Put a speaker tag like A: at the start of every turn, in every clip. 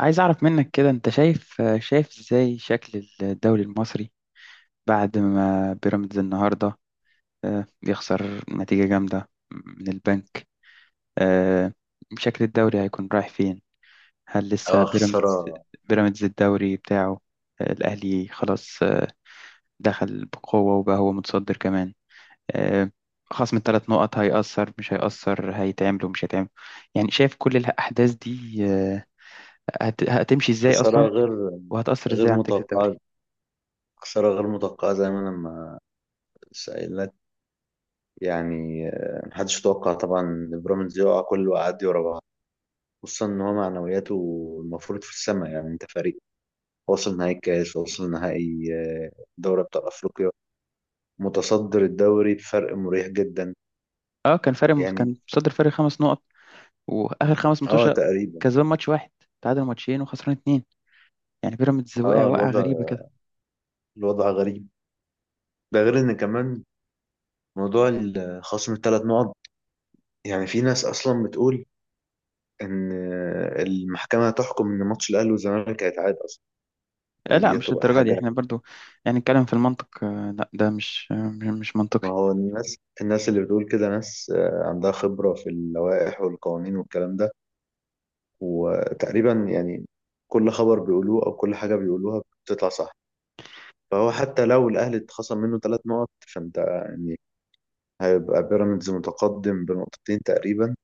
A: عايز أعرف منك كده أنت شايف إزاي شكل الدوري المصري بعد ما بيراميدز النهاردة، يخسر نتيجة جامدة من البنك. آه، شكل الدوري هيكون رايح فين؟ هل لسه
B: اه خسارة
A: بيراميدز الدوري بتاعه؟ الأهلي خلاص، دخل بقوة وبقى هو متصدر كمان. آه، خصم الثلاث نقط هيأثر مش هيأثر، هيتعمل ومش هيتعمل، يعني شايف كل الأحداث دي هتمشي إزاي
B: خسارة
A: أصلا،
B: غير
A: وهتأثر إزاي
B: غير
A: على نتيجة الدوري؟
B: متوقعة. خسارة غير متوقعة زي ما أنا لما سأل لك، يعني محدش يتوقع طبعا إن بيراميدز يقع كل وقعات دي ورا بعض، خصوصا إن هو معنوياته المفروض في السماء. يعني أنت فريق واصل نهائي الكاس، واصل نهائي دوري أبطال أفريقيا، متصدر الدوري بفرق مريح جدا
A: اه، كان فارق، كان
B: يعني.
A: متصدر فرق خمس نقط، واخر خمس
B: اه
A: ماتشات
B: تقريبا.
A: كسبان ماتش واحد، تعادل ماتشين وخسران اتنين. يعني بيراميدز وقع
B: اه
A: وقعه غريبه
B: الوضع،
A: كده.
B: الوضع غريب. ده غير إن كمان موضوع خصم ال3 نقط. يعني في ناس أصلا بتقول ان المحكمه تحكم ان ماتش الاهلي والزمالك هيتعاد اصلا،
A: آه لا،
B: ودي
A: مش
B: هتبقى
A: الدرجه دي،
B: حاجه.
A: احنا برضو يعني نتكلم في المنطق. آه لا، ده مش مش منطقي.
B: ما هو الناس اللي بتقول كده ناس عندها خبره في اللوائح والقوانين والكلام ده، وتقريبا يعني كل خبر بيقولوه او كل حاجه بيقولوها بتطلع صح. فهو حتى لو الاهلي اتخصم منه 3 نقط فانت يعني هيبقى بيراميدز متقدم بـ2 نقطة تقريبا،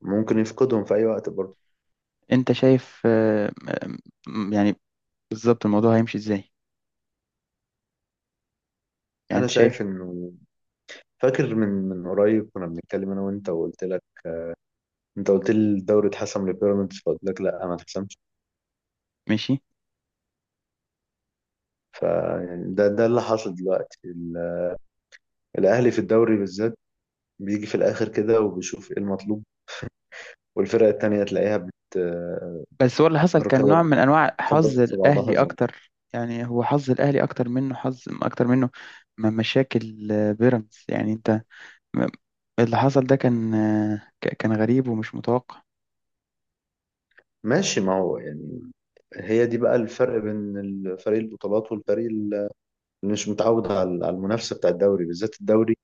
B: ممكن يفقدهم في اي وقت برضه.
A: انت شايف، يعني بالظبط الموضوع هيمشي ازاي؟ يعني
B: انا
A: انت شايف؟
B: شايف انه فاكر من قريب كنا بنتكلم انا وانت وقلت لك، انت قلت لي الدوري اتحسم لبيراميدز فقلت لك لا ما اتحسمش.
A: ماشي.
B: فيعني ده اللي حاصل دلوقتي. الاهلي في الدوري بالذات بيجي في الاخر كده وبيشوف ايه المطلوب، والفرق التانية تلاقيها بت
A: بس هو اللي حصل كان
B: ركبها
A: نوع من انواع حظ
B: بتخبط في بعضها
A: الاهلي
B: زي
A: اكتر، يعني هو حظ الاهلي اكتر منه، حظ اكتر منه. مشاكل بيراميدز يعني انت، م- اللي حصل ده كان كان غريب ومش متوقع.
B: ماشي. ما هو يعني هي دي بقى الفرق بين فريق البطولات والفريق اللي مش متعود على المنافسة بتاع الدوري بالذات. الدوري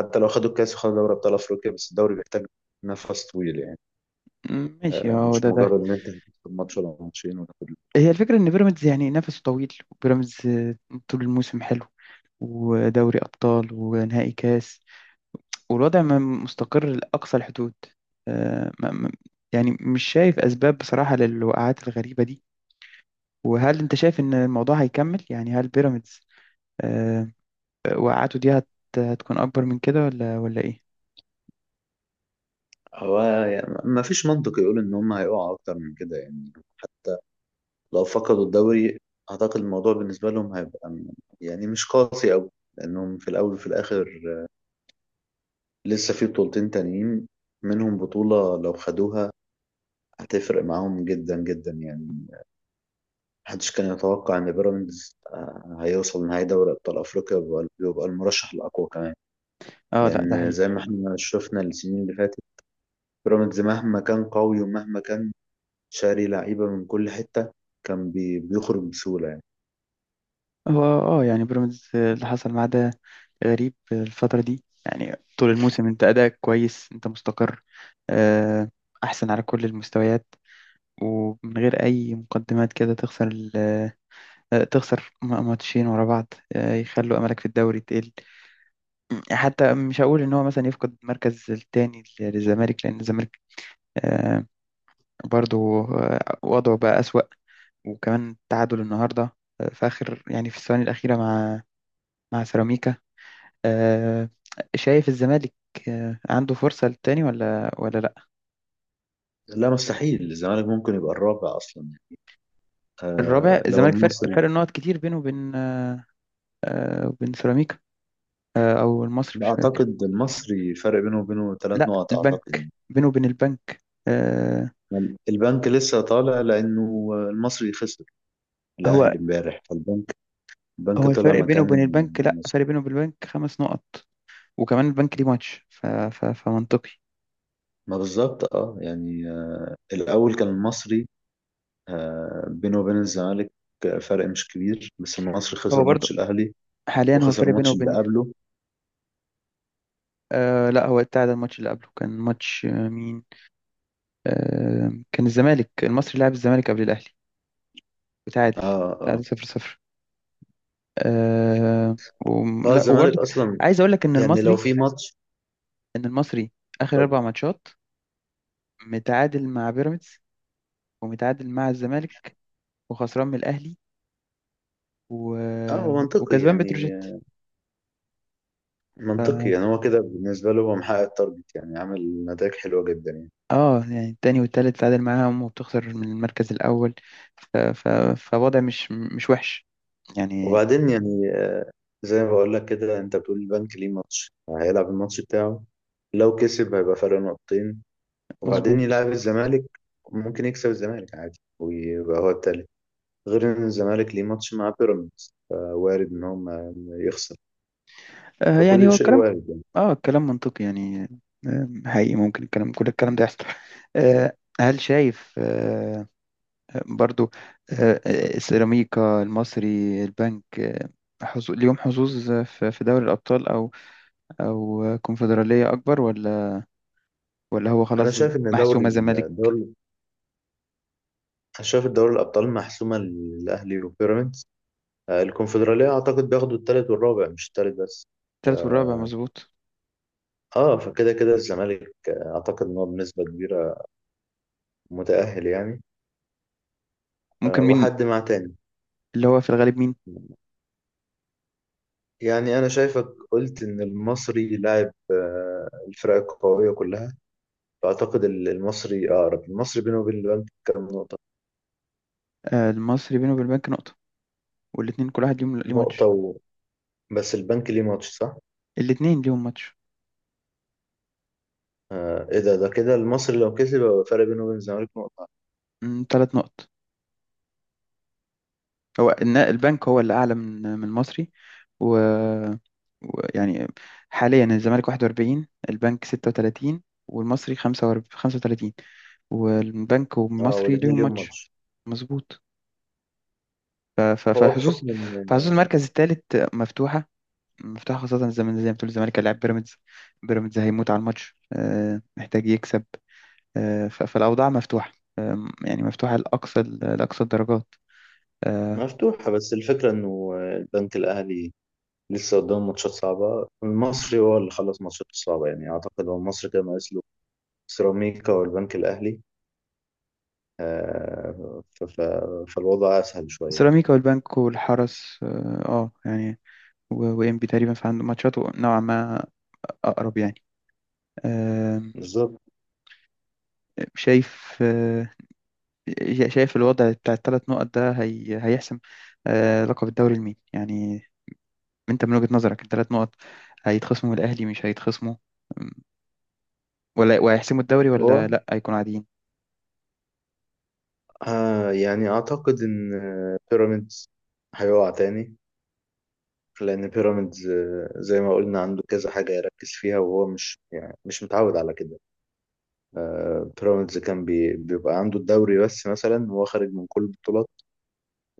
B: حتى لو خدوا الكاس وخدوا دوري ابطال افريقيا، بس الدوري بيحتاج نفس طويل يعني،
A: ماشي. هو
B: مش
A: ده.
B: مجرد ان انت هتكسب ماتش ولا 2 ماتش وتاخد
A: هي
B: البطولة.
A: الفكرة إن بيراميدز يعني نفسه طويل، وبيراميدز طول الموسم حلو، ودوري أبطال ونهائي كاس، والوضع ما مستقر لأقصى الحدود. آه، ما- ما- يعني مش شايف أسباب بصراحة للوقعات الغريبة دي. وهل أنت شايف إن الموضوع هيكمل؟ يعني هل بيراميدز آه، وقعته دي هتكون أكبر من كده ولا إيه؟
B: هو يعني ما فيش منطق يقول ان هم هيقعوا اكتر من كده يعني. لو فقدوا الدوري اعتقد الموضوع بالنسبه لهم هيبقى يعني مش قاسي قوي، لانهم في الاول وفي الاخر لسه في 2 بطولة تانيين، منهم بطوله لو خدوها هتفرق معاهم جدا جدا يعني. محدش كان يتوقع ان بيراميدز هيوصل نهائي دوري ابطال افريقيا ويبقى المرشح الاقوى كمان،
A: اه لا، ده
B: لان زي ما
A: حقيقي.
B: احنا شفنا السنين اللي فاتت بيراميدز مهما كان قوي ومهما كان شاري لعيبة من كل حتة كان بيخرج بسهولة يعني.
A: هو اه، يعني بيراميدز اللي حصل معاه ده غريب الفترة دي، يعني طول الموسم انت أداءك كويس، انت مستقر، آه، أحسن على كل المستويات، ومن غير أي مقدمات كده تخسر تخسر ماتشين ورا بعض، يخلوا أملك في الدوري تقل. حتى مش هقول إن هو مثلا يفقد المركز التاني للزمالك، لأن الزمالك آه، برضو وضعه بقى أسوأ، وكمان تعادل النهاردة في آخر، يعني في الثواني الأخيرة، مع سيراميكا. آه، شايف الزمالك عنده فرصة للتاني ولا لا؟
B: لا، مستحيل. الزمالك ممكن يبقى الرابع أصلا يعني.
A: الرابع؟
B: آه لو
A: الزمالك فرق
B: المصري.
A: فرق نقط كتير بينه وبين، وبين سيراميكا، او المصري، مش
B: لا
A: فاكر.
B: أعتقد المصري فرق بينه وبينه ثلاث
A: لا،
B: نقط
A: البنك،
B: أعتقد.
A: بينه وبين البنك، آه،
B: يعني. البنك لسه طالع لأنه المصري خسر
A: هو.
B: الأهلي امبارح، فالبنك البنك
A: هو
B: طلع
A: الفرق بينه
B: مكان
A: وبين البنك، لا،
B: المصري.
A: فرق بينه وبين البنك خمس نقط، وكمان البنك ليه ماتش، فمنطقي.
B: ما بالظبط، اه يعني الأول كان المصري آه بينه وبين الزمالك فرق مش كبير، بس المصري
A: هو
B: خسر ماتش
A: برضه
B: الأهلي
A: حاليا هو
B: وخسر
A: فرق بينه
B: الماتش اللي
A: وبين،
B: قبله.
A: آه لا، هو ابتعد عن الماتش اللي قبله، كان ماتش، مين؟ آه كان الزمالك، المصري لعب الزمالك قبل الأهلي وتعادل،
B: اه اه.
A: تعادل صفر صفر. آه و...
B: اه
A: لا
B: الزمالك
A: وبرضه،
B: اصلا.
A: عايز اقول لك ان
B: يعني لو
A: المصري
B: في ماتش.
A: ان المصري اخر
B: اتفضل.
A: اربع ماتشات متعادل مع بيراميدز، ومتعادل مع الزمالك، وخسران من الاهلي، و...
B: اه هو منطقي
A: وكسبان
B: يعني.
A: بتروجيت.
B: منطقي يعني. هو كده بالنسبة له هو محقق التارجت يعني، عامل نتائج حلوة جدا يعني.
A: اه، يعني التاني والتالت تعادل معاهم، وبتخسر من المركز الاول، ف... ف... فوضع مش وحش يعني.
B: وبعدين يعني زي ما بقول لك كده، انت بتقول البنك ليه ماتش هيلعب الماتش بتاعه، لو كسب هيبقى فرق 2 نقطة، وبعدين
A: مظبوط.
B: يلعب الزمالك، ممكن يكسب الزمالك عادي ويبقى هو التالت. غير ان الزمالك ليه ماتش مع بيراميدز، فوارد ان هو ما يخسر.
A: يعني
B: فكل
A: هو
B: شيء
A: الكلام،
B: وارد يعني.
A: اه الكلام منطقي يعني، حقيقي ممكن الكلام، كل الكلام ده يحصل. هل شايف برضو السيراميكا، المصري، البنك ليهم حظوظ في دوري الأبطال، أو كونفدرالية أكبر، ولا هو
B: انا
A: خلاص
B: شايف ان
A: محسومة
B: دوري
A: زمالك؟
B: الدوري شايف دوري الابطال محسومة للاهلي وبيراميدز. الكونفدرالية أعتقد بياخدوا التالت والرابع، مش التالت بس.
A: التالت والرابع، مظبوط.
B: اه فكده كده الزمالك أعتقد إن هو بنسبة كبيرة متأهل يعني.
A: ممكن مين؟
B: وحد مع تاني.
A: اللي هو في الغالب مين؟
B: يعني أنا شايفك قلت إن المصري لاعب الفرق القوية كلها، فأعتقد المصري أقرب. المصري بينه وبين البنك كام نقطة؟
A: المصري بينه وبين البنك نقطة، والاتنين كل واحد ليهم ليه
B: نقطة
A: ماتش.
B: و... بس البنك ليه ماتش صح؟
A: الاتنين ليهم ماتش.
B: آه إيه ده كده المصري لو كسب يبقى الفرق بينه وبين الزمالك نقطة.
A: تلات نقط. هو البنك هو اللي أعلى من المصري. و ويعني حاليا الزمالك 41، البنك 36، والمصري 45، 35، والبنك
B: اه
A: والمصري
B: والاتنين
A: ليهم
B: ليهم
A: ماتش.
B: ماتش.
A: مظبوط. ف- ف-
B: هو
A: فحظوظ
B: بحكم
A: فحظوظ
B: إن.
A: المركز الثالث مفتوحة. مفتوحة، خاصة زي ما بتقول، الزمالك هيلاعب بيراميدز، بيراميدز هيموت على الماتش، محتاج يكسب. فالأوضاع مفتوحة، يعني مفتوحة لأقصى الدرجات. آه،
B: مفتوحة، بس الفكرة إنه البنك الأهلي لسه قدام ماتشات صعبة. المصري هو اللي خلص ماتشاته الصعبة يعني. أعتقد هو المصري كان ناقص له سيراميكا والبنك الأهلي، فالوضع أسهل شوية.
A: سيراميكا والبنك والحرس، يعني وإنبي تقريبا، فعنده ماتشاته نوعا ما أقرب يعني. آم،
B: بالظبط.
A: شايف آه، شايف الوضع بتاع الثلاث نقط ده هيحسم لقب الدوري لمين يعني؟ انت من وجهة نظرك الثلاث نقط هيتخصموا من الأهلي، مش هيتخصموا؟ أم، ولا وهيحسموا الدوري؟ ولا
B: هو
A: لا، هيكونوا عاديين؟
B: يعني أعتقد إن بيراميدز هيقع تاني، لأن بيراميدز زي ما قلنا عنده كذا حاجة يركز فيها، وهو مش يعني مش متعود على كده. بيراميدز كان بيبقى عنده الدوري بس مثلا، هو خارج من كل البطولات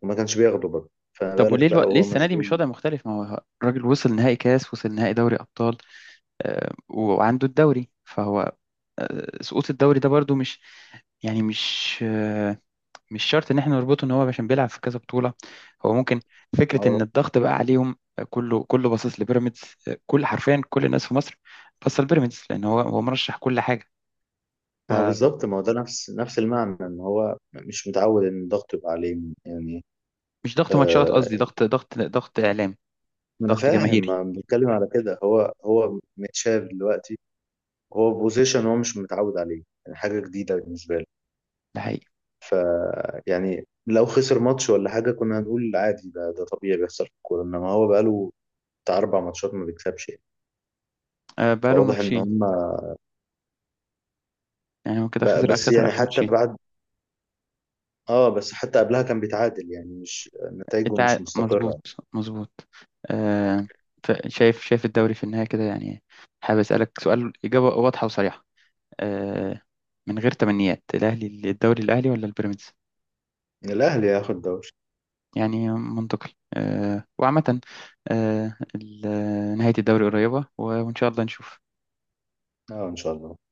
B: وما كانش بياخده بقى، فما
A: طب
B: بالك
A: وليه
B: بقى
A: ليه
B: وهو
A: السنة دي
B: مشغول.
A: مش وضع مختلف؟ ما هو الراجل وصل نهائي كاس، وصل نهائي دوري أبطال وعنده الدوري، فهو سقوط الدوري ده برضو مش، يعني مش شرط ان احنا نربطه ان هو عشان بيلعب في كذا بطولة. هو ممكن
B: ما
A: فكرة ان
B: هو
A: الضغط بقى عليهم، كله كله باصص لبيراميدز، كل، حرفيا كل الناس في مصر باصة لبيراميدز، لان هو مرشح كل حاجة،
B: ما هو
A: فمش،
B: بالظبط، ما هو ده نفس المعنى، ان هو مش متعود ان الضغط يبقى عليه يعني.
A: ضغط ماتشات قصدي،
B: آه
A: ضغط اعلامي،
B: ما انا
A: ضغط
B: فاهم،
A: جماهيري.
B: ما أنا بتكلم على كده. هو هو متشاف دلوقتي، هو بوزيشن هو مش متعود عليه، يعني حاجه جديده بالنسبه له.
A: ده حقيقي.
B: يعني لو خسر ماتش ولا حاجه كنا هنقول عادي، ده ده طبيعي بيحصل في الكوره، انما هو بقاله بتاع 4 ماتشات ما بيكسبش يعني.
A: بقاله
B: فواضح ان
A: ماتشين،
B: هم
A: يعني هو كده
B: بقى
A: خسر
B: بس
A: خسر
B: يعني
A: اخر
B: حتى
A: ماتشين.
B: بعد. اه بس حتى قبلها كان بيتعادل يعني، مش نتائجه
A: انت
B: مش مستقرة.
A: مظبوط، مظبوط. آه، شايف الدوري في النهاية كده يعني. حابب اسألك سؤال، إجابة واضحة وصريحة، آه، من غير تمنيات، الاهلي الدوري، الاهلي ولا البيراميدز؟
B: يعني الأهلي هياخد دوري.
A: يعني منطقي، وعامة نهاية الدوري قريبة، وإن شاء الله نشوف.
B: اه إن شاء الله.